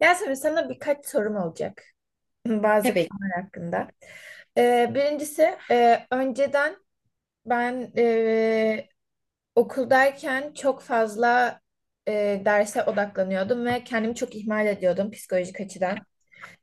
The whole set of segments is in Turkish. Yasemin, sana birkaç sorum olacak bazı Tabii ki. konular hakkında. Birincisi önceden ben okuldayken çok fazla derse odaklanıyordum ve kendimi çok ihmal ediyordum psikolojik açıdan.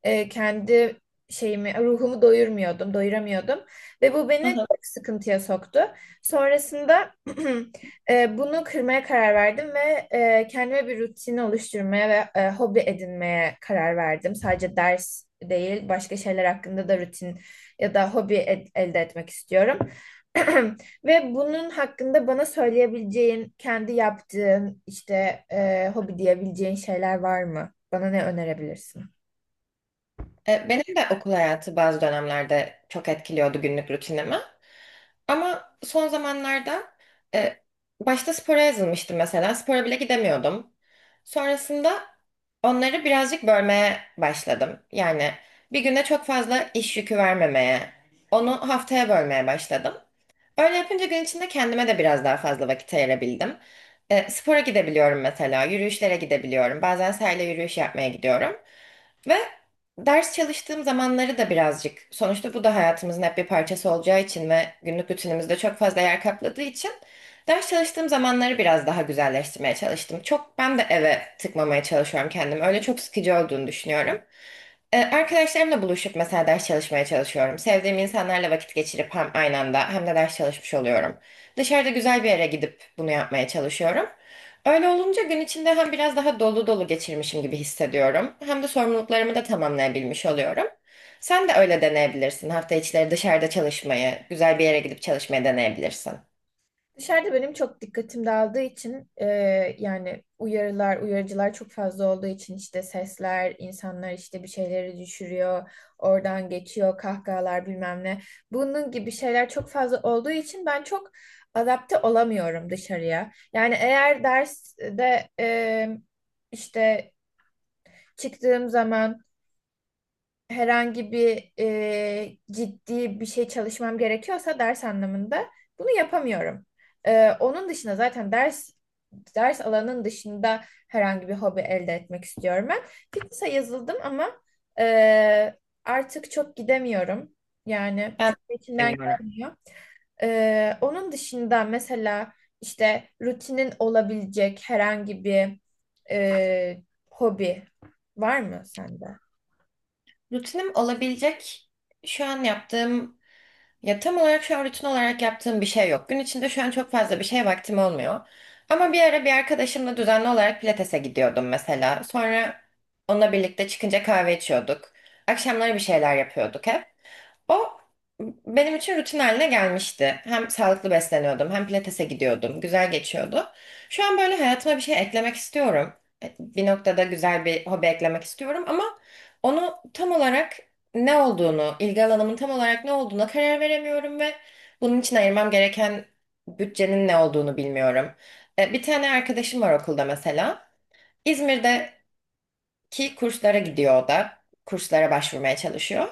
Kendi şeyimi, ruhumu doyurmuyordum, doyuramıyordum. Ve bu beni Hı hı. çok sıkıntıya soktu. Sonrasında bunu kırmaya karar verdim ve kendime bir rutin oluşturmaya ve hobi edinmeye karar verdim. Sadece ders değil, başka şeyler hakkında da rutin ya da elde etmek istiyorum. Ve bunun hakkında bana söyleyebileceğin, kendi yaptığın, işte hobi diyebileceğin şeyler var mı? Bana ne önerebilirsin? Benim de okul hayatı bazı dönemlerde çok etkiliyordu günlük rutinimi. Ama son zamanlarda e, başta spora yazılmıştım mesela. Spora bile gidemiyordum. Sonrasında onları birazcık bölmeye başladım. Yani bir güne çok fazla iş yükü vermemeye, onu haftaya bölmeye başladım. Öyle yapınca gün içinde kendime de biraz daha fazla vakit ayırabildim. Spora gidebiliyorum mesela, yürüyüşlere gidebiliyorum. Bazen sahile yürüyüş yapmaya gidiyorum. Ve ders çalıştığım zamanları da birazcık, sonuçta bu da hayatımızın hep bir parçası olacağı için ve günlük rutinimizde çok fazla yer kapladığı için ders çalıştığım zamanları biraz daha güzelleştirmeye çalıştım. Çok ben de eve tıkmamaya çalışıyorum kendimi. Öyle çok sıkıcı olduğunu düşünüyorum. Arkadaşlarımla buluşup mesela ders çalışmaya çalışıyorum. Sevdiğim insanlarla vakit geçirip hem aynı anda hem de ders çalışmış oluyorum. Dışarıda güzel bir yere gidip bunu yapmaya çalışıyorum. Öyle olunca gün içinde hem biraz daha dolu dolu geçirmişim gibi hissediyorum. Hem de sorumluluklarımı da tamamlayabilmiş oluyorum. Sen de öyle deneyebilirsin. Hafta içleri dışarıda çalışmayı, güzel bir yere gidip çalışmayı deneyebilirsin. Dışarıda benim çok dikkatim dağıldığı için, yani uyarılar, uyarıcılar çok fazla olduğu için işte sesler, insanlar işte bir şeyleri düşürüyor, oradan geçiyor, kahkahalar bilmem ne. Bunun gibi şeyler çok fazla olduğu için ben çok adapte olamıyorum dışarıya. Yani eğer derste işte çıktığım zaman herhangi bir ciddi bir şey çalışmam gerekiyorsa ders anlamında bunu yapamıyorum. Onun dışında zaten ders alanının dışında herhangi bir hobi elde etmek istiyorum ben. Fitness'a yazıldım ama e, artık çok gidemiyorum. Yani Ben çok da içimden deniyorum. gelmiyor. Onun dışında mesela işte rutinin olabilecek herhangi bir e, hobi var mı sende? Rutinim olabilecek şu an yaptığım Ya tam olarak şu an rutin olarak yaptığım bir şey yok. Gün içinde şu an çok fazla bir şeye vaktim olmuyor. Ama bir ara bir arkadaşımla düzenli olarak pilatese gidiyordum mesela. Sonra onunla birlikte çıkınca kahve içiyorduk. Akşamları bir şeyler yapıyorduk hep. O benim için rutin haline gelmişti. Hem sağlıklı besleniyordum, hem pilatese gidiyordum. Güzel geçiyordu. Şu an böyle hayatıma bir şey eklemek istiyorum. Bir noktada güzel bir hobi eklemek istiyorum ama onu tam olarak ne olduğunu, ilgi alanımın tam olarak ne olduğuna karar veremiyorum ve bunun için ayırmam gereken bütçenin ne olduğunu bilmiyorum. Bir tane arkadaşım var okulda mesela. İzmir'de ki kurslara gidiyor o da. Kurslara başvurmaya çalışıyor.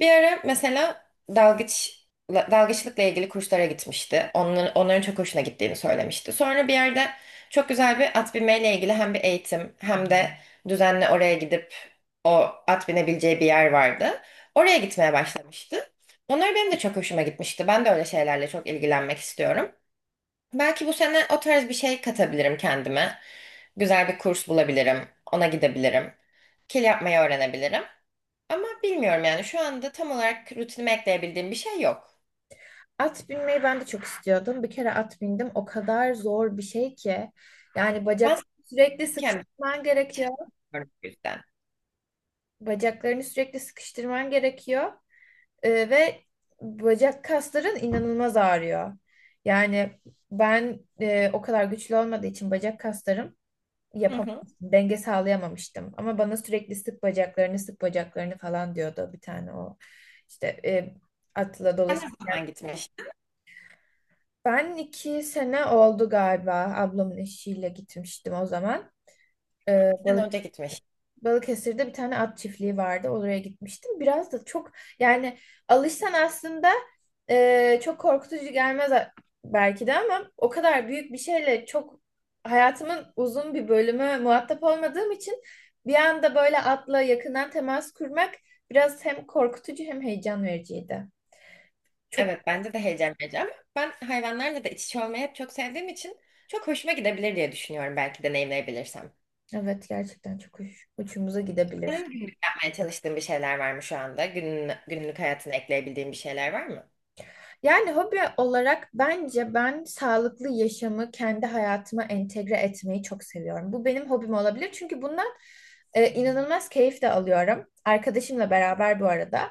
Bir ara mesela dalgıç dalgıçlıkla ilgili kurslara gitmişti. Onların çok hoşuna gittiğini söylemişti. Sonra bir yerde çok güzel bir at binmeyle ilgili hem bir eğitim hem de düzenli oraya gidip o at binebileceği bir yer vardı. Oraya gitmeye başlamıştı. Onlar benim de çok hoşuma gitmişti. Ben de öyle şeylerle çok ilgilenmek istiyorum. Belki bu sene o tarz bir şey katabilirim kendime. Güzel bir kurs bulabilirim. Ona gidebilirim. Kil yapmayı öğrenebilirim. Ama bilmiyorum yani şu anda tam olarak rutinime ekleyebildiğim bir şey yok. At binmeyi ben de çok istiyordum. Bir kere at bindim. O kadar zor bir şey ki! Yani bacak Ben sürekli küçükken sıkıştırman gerekiyor. bilmiyorum bu yüzden. Bacaklarını sürekli sıkıştırman gerekiyor. Ve bacak kasların inanılmaz ağrıyor. Yani ben o kadar güçlü olmadığı için bacak kaslarım, Hı hı. yapamamıştım, denge sağlayamamıştım. Ama bana sürekli sık bacaklarını, sık bacaklarını falan diyordu bir tane o işte, atla Sen dolaşıp. ne zaman gitmiştin? Ben iki sene oldu galiba, ablamın eşiyle gitmiştim o zaman. Ee, Sen önce gitmiş. Balıkesir'de bir tane at çiftliği vardı. Oraya gitmiştim. Biraz da çok, yani alışsan aslında çok korkutucu gelmez belki de, ama o kadar büyük bir şeyle çok, hayatımın uzun bir bölümü muhatap olmadığım için bir anda böyle atla yakından temas kurmak biraz hem korkutucu hem heyecan vericiydi. Çok Evet bence de heyecan verici ama ben hayvanlarla da iç içe olmayı hep çok sevdiğim için çok hoşuma gidebilir diye düşünüyorum belki deneyimleyebilirsem. evet, gerçekten çok uçumuza gidebilir. Senin günlük yapmaya çalıştığın bir şeyler var mı şu anda? Günün, günlük hayatına ekleyebildiğin bir şeyler var mı? Yani hobi olarak bence ben sağlıklı yaşamı kendi hayatıma entegre etmeyi çok seviyorum. Bu benim hobim olabilir, çünkü bundan inanılmaz keyif de alıyorum. Arkadaşımla beraber bu arada.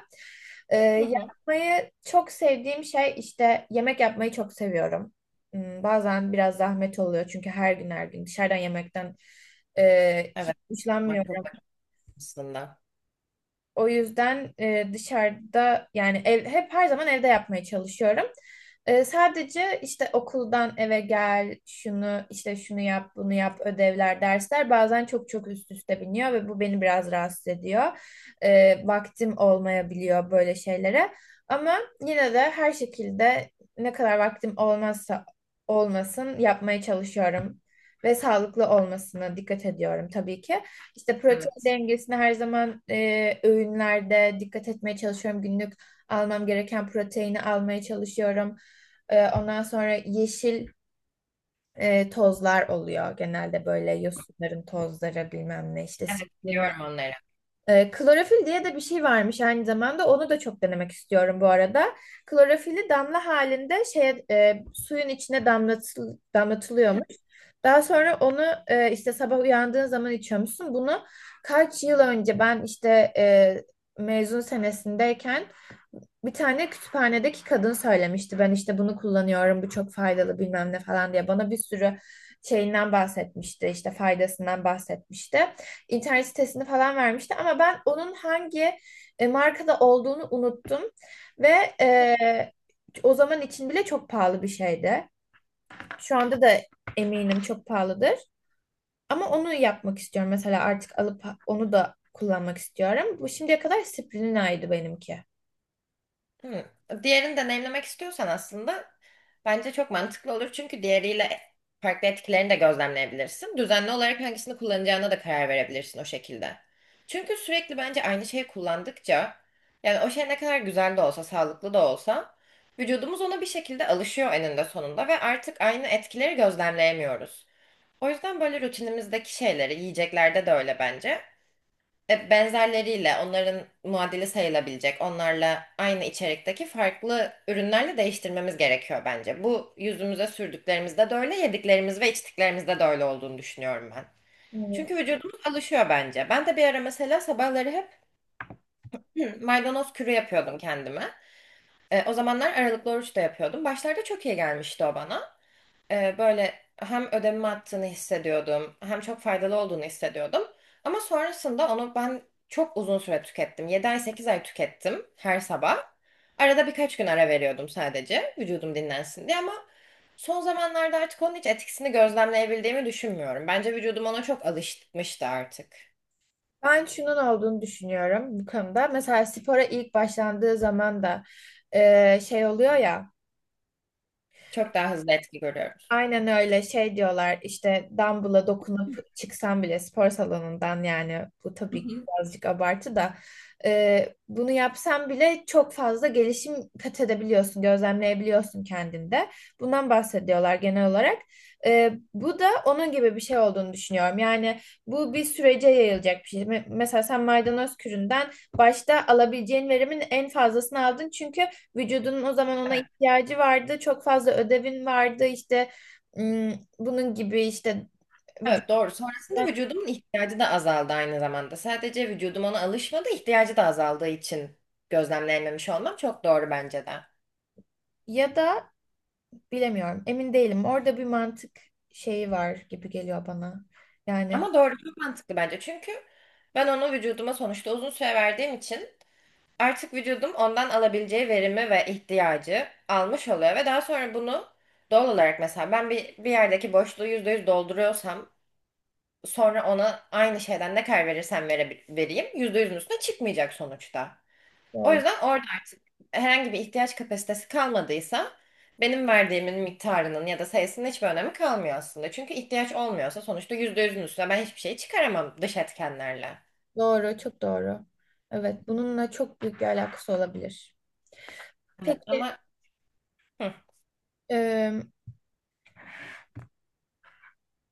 Hı hı. Yapmayı çok sevdiğim şey, işte yemek yapmayı çok seviyorum. Bazen biraz zahmet oluyor, çünkü her gün her gün dışarıdan yemekten hiç Evet. Bak çok hoşlanmıyorum. var aslında. O yüzden dışarıda yani ev, hep her zaman evde yapmaya çalışıyorum. Sadece işte okuldan eve gel, şunu işte şunu yap, bunu yap, ödevler, dersler bazen çok çok üst üste biniyor ve bu beni biraz rahatsız ediyor. Vaktim olmayabiliyor böyle şeylere. Ama yine de her şekilde, ne kadar vaktim olmazsa olmasın yapmaya çalışıyorum ve sağlıklı olmasına dikkat ediyorum tabii ki. İşte protein Evet. dengesine her zaman öğünlerde dikkat etmeye çalışıyorum. Günlük almam gereken proteini almaya çalışıyorum. Ondan sonra yeşil tozlar oluyor genelde, böyle yosunların tozları bilmem ne işte, Evet biliyorum onları. Klorofil diye de bir şey varmış aynı zamanda. Onu da çok denemek istiyorum bu arada. Klorofili damla halinde şeye, suyun içine damlatıl, damlatılıyormuş. Daha sonra onu işte sabah uyandığın zaman içiyormuşsun. Bunu kaç yıl önce ben işte mezun senesindeyken bir tane kütüphanedeki kadın söylemişti. Ben işte bunu kullanıyorum, bu çok faydalı bilmem ne falan diye. Bana bir sürü şeyinden bahsetmişti, işte faydasından bahsetmişti. İnternet sitesini falan vermişti ama ben onun hangi markada olduğunu unuttum. Ve e, o zaman için bile çok pahalı bir şeydi. Şu anda da eminim çok pahalıdır. Ama onu yapmak istiyorum. Mesela artık alıp onu da kullanmak istiyorum. Bu şimdiye kadar Sprina'ydı benimki. Hı. Diğerini deneyimlemek istiyorsan aslında bence çok mantıklı olur. Çünkü diğeriyle farklı etkilerini de gözlemleyebilirsin. Düzenli olarak hangisini kullanacağına da karar verebilirsin o şekilde. Çünkü sürekli bence aynı şeyi kullandıkça yani o şey ne kadar güzel de olsa, sağlıklı da olsa vücudumuz ona bir şekilde alışıyor eninde sonunda ve artık aynı etkileri gözlemleyemiyoruz. O yüzden böyle rutinimizdeki şeyleri yiyeceklerde de öyle bence. Benzerleriyle onların muadili sayılabilecek, onlarla aynı içerikteki farklı ürünlerle değiştirmemiz gerekiyor bence. Bu yüzümüze sürdüklerimizde de öyle, yediklerimiz ve içtiklerimizde de öyle olduğunu düşünüyorum ben. Evet. Çünkü vücudumuz alışıyor bence. Ben de bir ara mesela sabahları hep maydanoz kürü yapıyordum kendime. O zamanlar aralıklı oruç da yapıyordum. Başlarda çok iyi gelmişti o bana. Böyle hem ödevimi attığını hissediyordum hem çok faydalı olduğunu hissediyordum. Ama sonrasında onu ben çok uzun süre tükettim. 7 ay 8 ay tükettim her sabah. Arada birkaç gün ara veriyordum sadece vücudum dinlensin diye ama son zamanlarda artık onun hiç etkisini gözlemleyebildiğimi düşünmüyorum. Bence vücudum ona çok alışmıştı artık. Ben şunun olduğunu düşünüyorum bu konuda. Mesela spora ilk başlandığı zaman da şey oluyor ya, Çok daha hızlı etki görüyorum. aynen öyle şey diyorlar işte, dumbbell'a dokunup çıksan bile spor salonundan, yani bu tabii birazcık abartı da, bunu yapsan bile çok fazla gelişim kat edebiliyorsun, gözlemleyebiliyorsun kendinde. Bundan bahsediyorlar genel olarak. Bu da onun gibi bir şey olduğunu düşünüyorum. Yani bu bir sürece yayılacak bir şey. Mesela sen maydanoz küründen başta alabileceğin verimin en fazlasını aldın, çünkü vücudunun o zaman ona ihtiyacı vardı, çok fazla ödevin vardı işte, bunun gibi işte vücut, Evet doğru. Sonrasında vücudumun ihtiyacı da azaldı aynı zamanda. Sadece vücudum ona alışmadı, ihtiyacı da azaldığı için gözlemleyememiş olmam çok doğru bence de. ya da bilemiyorum, emin değilim. Orada bir mantık şeyi var gibi geliyor bana. Yani Ama doğru çok mantıklı bence. Çünkü ben onu vücuduma sonuçta uzun süre verdiğim için artık vücudum ondan alabileceği verimi ve ihtiyacı almış oluyor ve daha sonra bunu doğal olarak mesela ben bir yerdeki boşluğu %100 dolduruyorsam sonra ona aynı şeyden ne kadar verirsem vereyim %100'ün üstüne çıkmayacak sonuçta. O yüzden orada artık herhangi bir ihtiyaç kapasitesi kalmadıysa benim verdiğimin miktarının ya da sayısının hiçbir önemi kalmıyor aslında. Çünkü ihtiyaç olmuyorsa sonuçta %100'ün üstüne ben hiçbir şey çıkaramam dış etkenlerle. doğru, çok doğru. Evet, bununla çok büyük bir alakası olabilir. Evet. Peki, Ama hı. ım,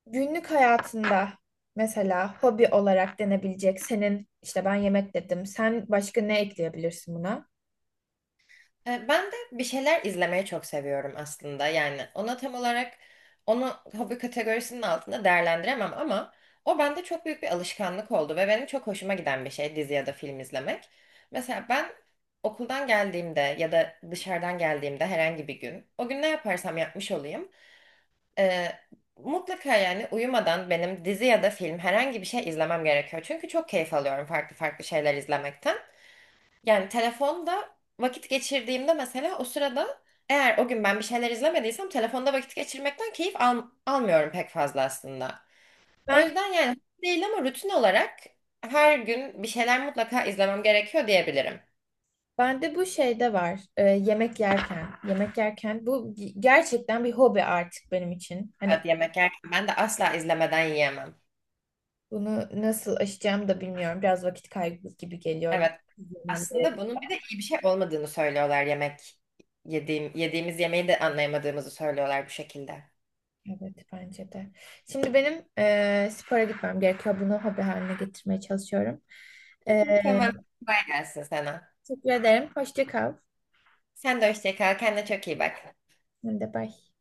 günlük hayatında mesela hobi olarak denebilecek, senin işte ben yemek dedim. Sen başka ne ekleyebilirsin buna? Ben de bir şeyler izlemeyi çok seviyorum aslında. Yani ona tam olarak onu hobi kategorisinin altında değerlendiremem ama o bende çok büyük bir alışkanlık oldu ve benim çok hoşuma giden bir şey dizi ya da film izlemek. Mesela ben okuldan geldiğimde ya da dışarıdan geldiğimde herhangi bir gün o gün ne yaparsam yapmış olayım. e, Mutlaka yani uyumadan benim dizi ya da film herhangi bir şey izlemem gerekiyor. Çünkü çok keyif alıyorum farklı farklı şeyler izlemekten. Yani telefonda vakit geçirdiğimde mesela o sırada eğer o gün ben bir şeyler izlemediysem telefonda vakit geçirmekten keyif almıyorum pek fazla aslında. O Ben yüzden yani değil ama rutin olarak her gün bir şeyler mutlaka izlemem gerekiyor diyebilirim. Bende bu şeyde var. Yemek yerken, yemek yerken bu gerçekten bir hobi artık benim için. Hani Evet yemek yerken ben de asla izlemeden yiyemem. bunu nasıl aşacağım da bilmiyorum. Biraz vakit kaybı gibi geliyor. Evet aslında bunun bir de iyi bir şey olmadığını söylüyorlar yemek yediğim yediğimiz yemeği de anlayamadığımızı söylüyorlar bu şekilde. Evet bence de. Şimdi benim spora gitmem gerekiyor. Bunu hobi haline getirmeye çalışıyorum. Eee Tamam kolay gelsin sana. Teşekkür ederim. Hoşça kal. Sen de hoşça kal kendine çok iyi bak. Ben de bye.